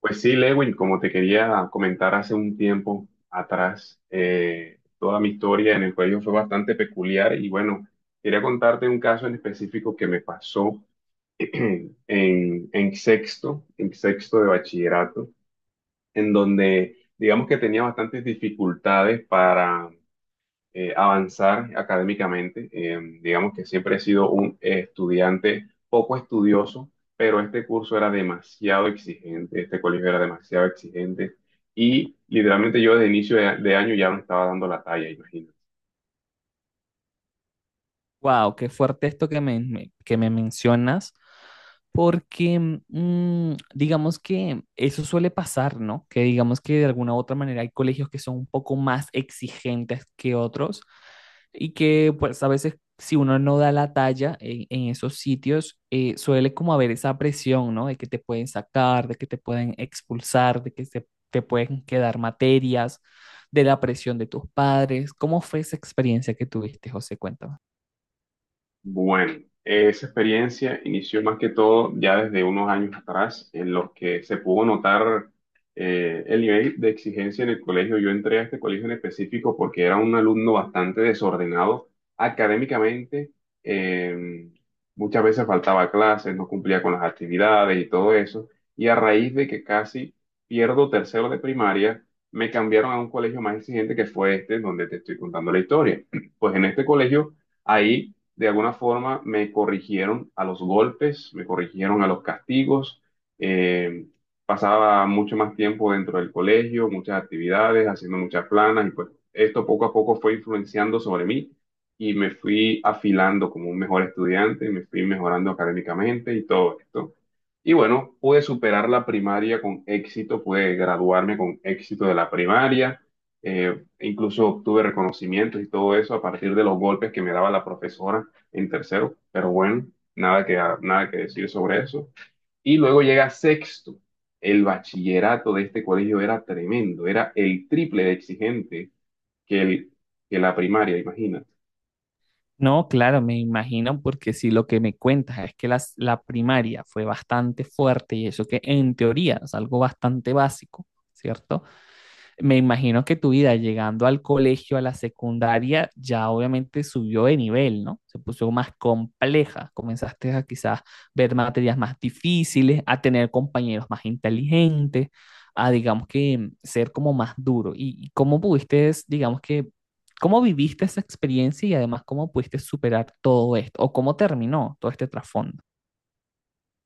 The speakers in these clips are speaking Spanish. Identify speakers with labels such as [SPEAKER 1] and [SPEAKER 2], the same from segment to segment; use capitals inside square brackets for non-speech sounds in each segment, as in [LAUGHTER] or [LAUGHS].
[SPEAKER 1] Pues sí, Lewin, como te quería comentar hace un tiempo atrás, toda mi historia en el colegio fue bastante peculiar y bueno, quería contarte un caso en específico que me pasó [CLEARS THROAT] en, en sexto de bachillerato, en donde digamos que tenía bastantes dificultades para avanzar académicamente. Digamos que siempre he sido un estudiante poco estudioso, pero este curso era demasiado exigente, este colegio era demasiado exigente y literalmente yo desde inicio de año ya me estaba dando la talla, imagínate.
[SPEAKER 2] Wow, qué fuerte esto que que me mencionas, porque digamos que eso suele pasar, ¿no? Que digamos que de alguna u otra manera hay colegios que son un poco más exigentes que otros y que pues a veces si uno no da la talla en esos sitios, suele como haber esa presión, ¿no? De que te pueden sacar, de que te pueden expulsar, de que te pueden quedar materias, de la presión de tus padres. ¿Cómo fue esa experiencia que tuviste, José? Cuéntame.
[SPEAKER 1] Bueno, esa experiencia inició más que todo ya desde unos años atrás, en los que se pudo notar el nivel de exigencia en el colegio. Yo entré a este colegio en específico porque era un alumno bastante desordenado académicamente. eh, Muchas veces faltaba a clases, no cumplía con las actividades y todo eso. Y a raíz de que casi pierdo tercero de primaria, me cambiaron a un colegio más exigente que fue este, donde te estoy contando la historia. [CLEARS THROAT] Pues en este colegio, ahí de alguna forma me corrigieron a los golpes, me corrigieron a los castigos. eh, Pasaba mucho más tiempo dentro del colegio, muchas actividades, haciendo muchas planas y pues esto poco a poco fue influenciando sobre mí y me fui afilando como un mejor estudiante, me fui mejorando académicamente y todo esto. Y bueno, pude superar la primaria con éxito, pude graduarme con éxito de la primaria, incluso obtuve reconocimientos y todo eso a partir de los golpes que me daba la profesora en tercero, pero bueno, nada que, nada que decir sobre eso. Y luego llega sexto. El bachillerato de este colegio era tremendo, era el triple de exigente que, el, que la primaria, imagínate.
[SPEAKER 2] No, claro, me imagino, porque si lo que me cuentas es que la primaria fue bastante fuerte y eso que en teoría es algo bastante básico, ¿cierto? Me imagino que tu vida llegando al colegio, a la secundaria, ya obviamente subió de nivel, ¿no? Se puso más compleja. Comenzaste a quizás ver materias más difíciles, a tener compañeros más inteligentes, a digamos que ser como más duro. ¿Y cómo pudiste, digamos que, cómo viviste esa experiencia y además cómo pudiste superar todo esto? ¿O cómo terminó todo este trasfondo?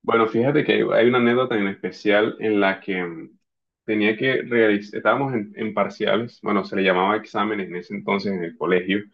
[SPEAKER 1] Bueno, fíjate que hay una anécdota en especial en la que tenía que realizar, estábamos en parciales, bueno, se le llamaba exámenes en ese entonces en el colegio,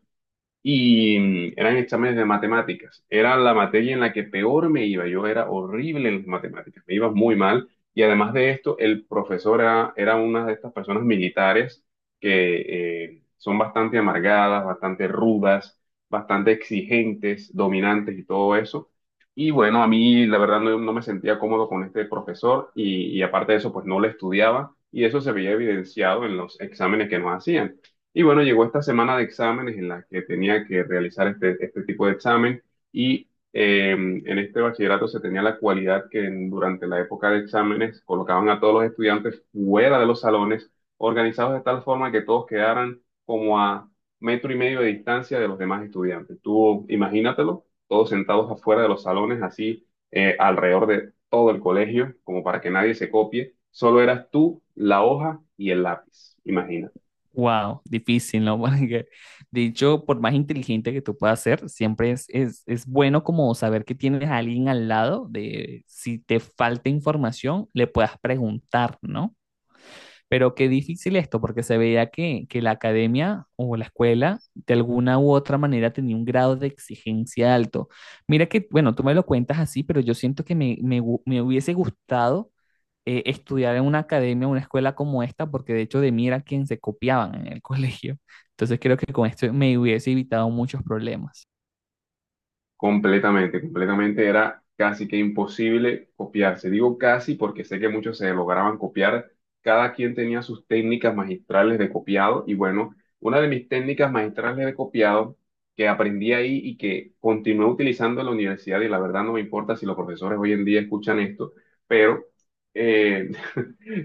[SPEAKER 1] y eran exámenes de matemáticas. Era la materia en la que peor me iba. Yo era horrible en las matemáticas, me iba muy mal. Y además de esto, el profesor era, era una de estas personas militares que son bastante amargadas, bastante rudas, bastante exigentes, dominantes y todo eso. Y bueno, a mí la verdad no, no me sentía cómodo con este profesor y aparte de eso, pues no le estudiaba y eso se veía evidenciado en los exámenes que nos hacían. Y bueno, llegó esta semana de exámenes en la que tenía que realizar este, este tipo de examen y en este bachillerato se tenía la cualidad que durante la época de exámenes colocaban a todos los estudiantes fuera de los salones, organizados de tal forma que todos quedaran como a metro y medio de distancia de los demás estudiantes. Tú imagínatelo, todos sentados afuera de los salones, así alrededor de todo el colegio, como para que nadie se copie. Solo eras tú, la hoja y el lápiz. Imagínate.
[SPEAKER 2] Wow, difícil, ¿no? [LAUGHS] Porque, de hecho, por más inteligente que tú puedas ser, siempre es bueno como saber que tienes a alguien al lado de si te falta información, le puedas preguntar, ¿no? Pero qué difícil esto, porque se veía que la academia o la escuela de alguna u otra manera tenía un grado de exigencia alto. Mira que, bueno, tú me lo cuentas así, pero yo siento que me hubiese gustado estudiar en una academia, una escuela como esta, porque de hecho de mí era quien se copiaban en el [LAUGHS] colegio. Entonces creo que con esto me hubiese evitado muchos problemas.
[SPEAKER 1] Completamente, completamente era casi que imposible copiarse. Digo casi porque sé que muchos se lograban copiar. Cada quien tenía sus técnicas magistrales de copiado y bueno, una de mis técnicas magistrales de copiado que aprendí ahí y que continué utilizando en la universidad y la verdad no me importa si los profesores hoy en día escuchan esto, pero eh,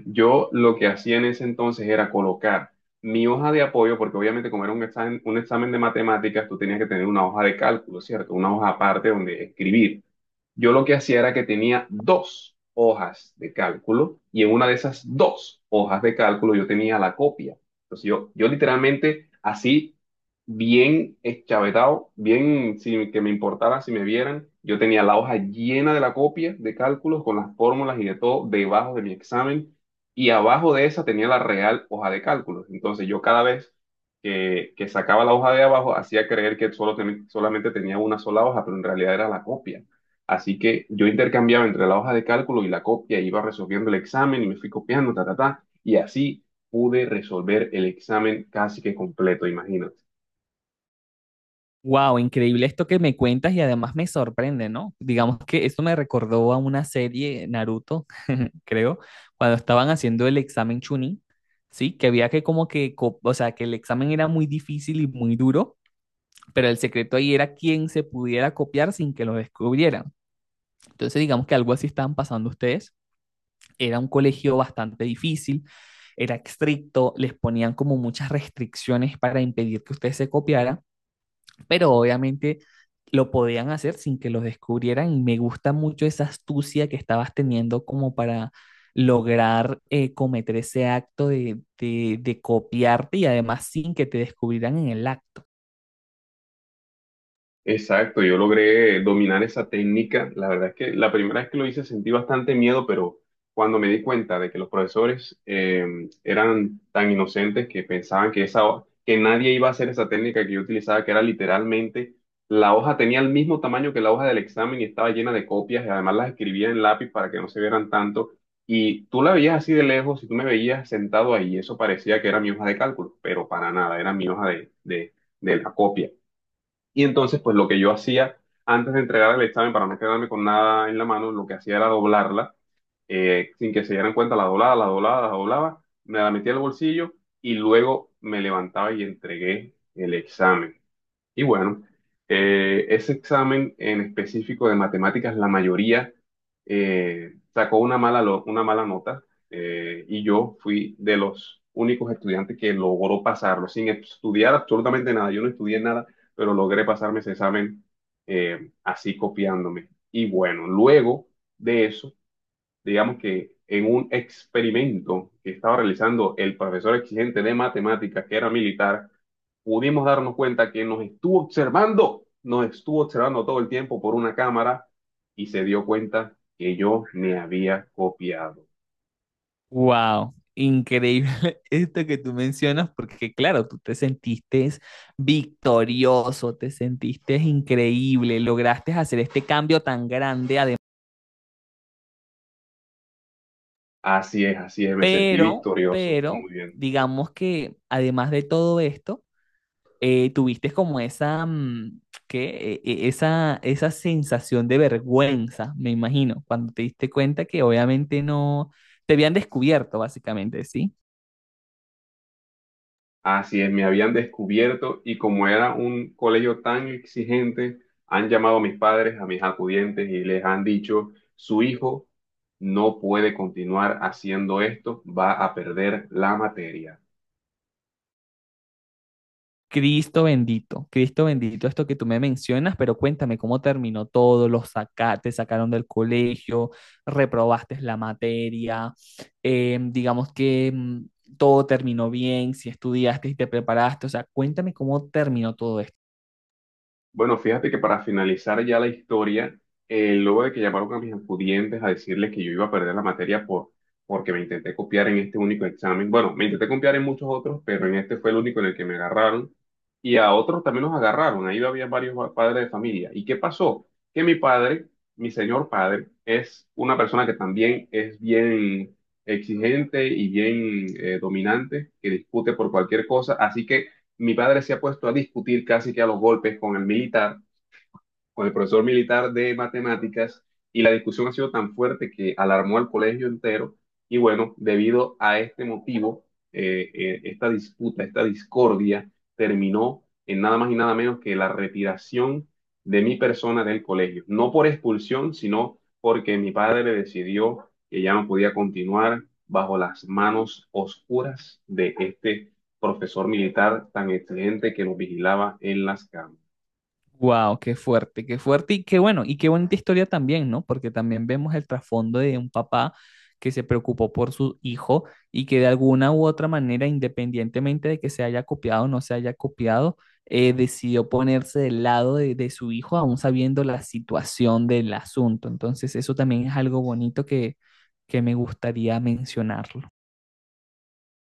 [SPEAKER 1] [LAUGHS] yo lo que hacía en ese entonces era colocar mi hoja de apoyo, porque obviamente como era un examen de matemáticas, tú tenías que tener una hoja de cálculo, ¿cierto? Una hoja aparte donde escribir yo lo que hacía era que tenía dos hojas de cálculo y en una de esas dos hojas de cálculo yo tenía la copia. Entonces yo literalmente así, bien eschavetado, bien sin que me importara si me vieran, yo tenía la hoja llena de la copia de cálculos con las fórmulas y de todo debajo de mi examen y abajo de esa tenía la real hoja de cálculos. Entonces yo cada vez... que sacaba la hoja de abajo, hacía creer que solamente tenía una sola hoja, pero en realidad era la copia. Así que yo intercambiaba entre la hoja de cálculo y la copia, iba resolviendo el examen y me fui copiando, ta, ta, ta, y así pude resolver el examen casi que completo, imagínate.
[SPEAKER 2] Wow, increíble esto que me cuentas y además me sorprende, ¿no? Digamos que eso me recordó a una serie Naruto, [LAUGHS] creo, cuando estaban haciendo el examen Chunin, ¿sí? Que había que como o sea, que el examen era muy difícil y muy duro, pero el secreto ahí era quién se pudiera copiar sin que lo descubrieran. Entonces, digamos que algo así estaban pasando ustedes. Era un colegio bastante difícil, era estricto, les ponían como muchas restricciones para impedir que ustedes se copiaran, pero obviamente lo podían hacer sin que los descubrieran y me gusta mucho esa astucia que estabas teniendo como para lograr cometer ese acto de copiarte y además sin que te descubrieran en el acto.
[SPEAKER 1] Exacto, yo logré dominar esa técnica. La verdad es que la primera vez que lo hice sentí bastante miedo, pero cuando me di cuenta de que los profesores eran tan inocentes que pensaban que que nadie iba a hacer esa técnica que yo utilizaba, que era literalmente la hoja tenía el mismo tamaño que la hoja del examen y estaba llena de copias y además las escribía en lápiz para que no se vieran tanto. Y tú la veías así de lejos y tú me veías sentado ahí, eso parecía que era mi hoja de cálculo, pero para nada, era mi hoja de la copia. Y entonces, pues lo que yo hacía antes de entregar el examen para no quedarme con nada en la mano, lo que hacía era doblarla, sin que se dieran cuenta, la doblaba, la doblaba, la doblaba, me la metía al bolsillo y luego me levantaba y entregué el examen. Y bueno, ese examen en específico de matemáticas, la mayoría sacó una mala, una mala nota y yo fui de los únicos estudiantes que logró pasarlo sin estudiar absolutamente nada. Yo no estudié nada, pero logré pasarme ese examen así copiándome. Y bueno, luego de eso digamos que en un experimento que estaba realizando el profesor exigente de matemáticas, que era militar, pudimos darnos cuenta que nos estuvo observando todo el tiempo por una cámara y se dio cuenta que yo me había copiado.
[SPEAKER 2] Wow, increíble [LAUGHS] esto que tú mencionas porque claro, tú te sentiste victorioso, te sentiste increíble, lograste hacer este cambio tan grande, además,
[SPEAKER 1] Así es, me sentí victorioso. Muy bien.
[SPEAKER 2] digamos que además de todo esto, tuviste como esa, ¿qué? Esa, esa sensación de vergüenza, me imagino, cuando te diste cuenta que obviamente no te habían descubierto, básicamente, ¿sí?
[SPEAKER 1] Así es, me habían descubierto y como era un colegio tan exigente, han llamado a mis padres, a mis acudientes y les han dicho, su hijo no puede continuar haciendo esto, va a perder la materia.
[SPEAKER 2] Cristo bendito, esto que tú me mencionas, pero cuéntame cómo terminó todo, los sacaste, te sacaron del colegio, reprobaste la materia, digamos que todo terminó bien, si estudiaste y te preparaste, o sea, cuéntame cómo terminó todo esto.
[SPEAKER 1] Bueno, fíjate que para finalizar ya la historia, luego de que llamaron a mis estudiantes a decirles que yo iba a perder la materia porque me intenté copiar en este único examen, bueno, me intenté copiar en muchos otros, pero en este fue el único en el que me agarraron y a otros también los agarraron, ahí había varios padres de familia. ¿Y qué pasó? Que mi padre, mi señor padre, es una persona que también es bien exigente y bien dominante, que discute por cualquier cosa, así que mi padre se ha puesto a discutir casi que a los golpes con el militar con el profesor militar de matemáticas y la discusión ha sido tan fuerte que alarmó al colegio entero y bueno, debido a este motivo, esta disputa, esta discordia terminó en nada más y nada menos que la retiración de mi persona del colegio, no por expulsión, sino porque mi padre decidió que ya no podía continuar bajo las manos oscuras de este profesor militar tan excelente que nos vigilaba en las cámaras.
[SPEAKER 2] Wow, qué fuerte y qué bueno, y qué bonita historia también, ¿no? Porque también vemos el trasfondo de un papá que se preocupó por su hijo y que de alguna u otra manera, independientemente de que se haya copiado o no se haya copiado, decidió ponerse del lado de su hijo, aún sabiendo la situación del asunto. Entonces, eso también es algo bonito que me gustaría mencionarlo.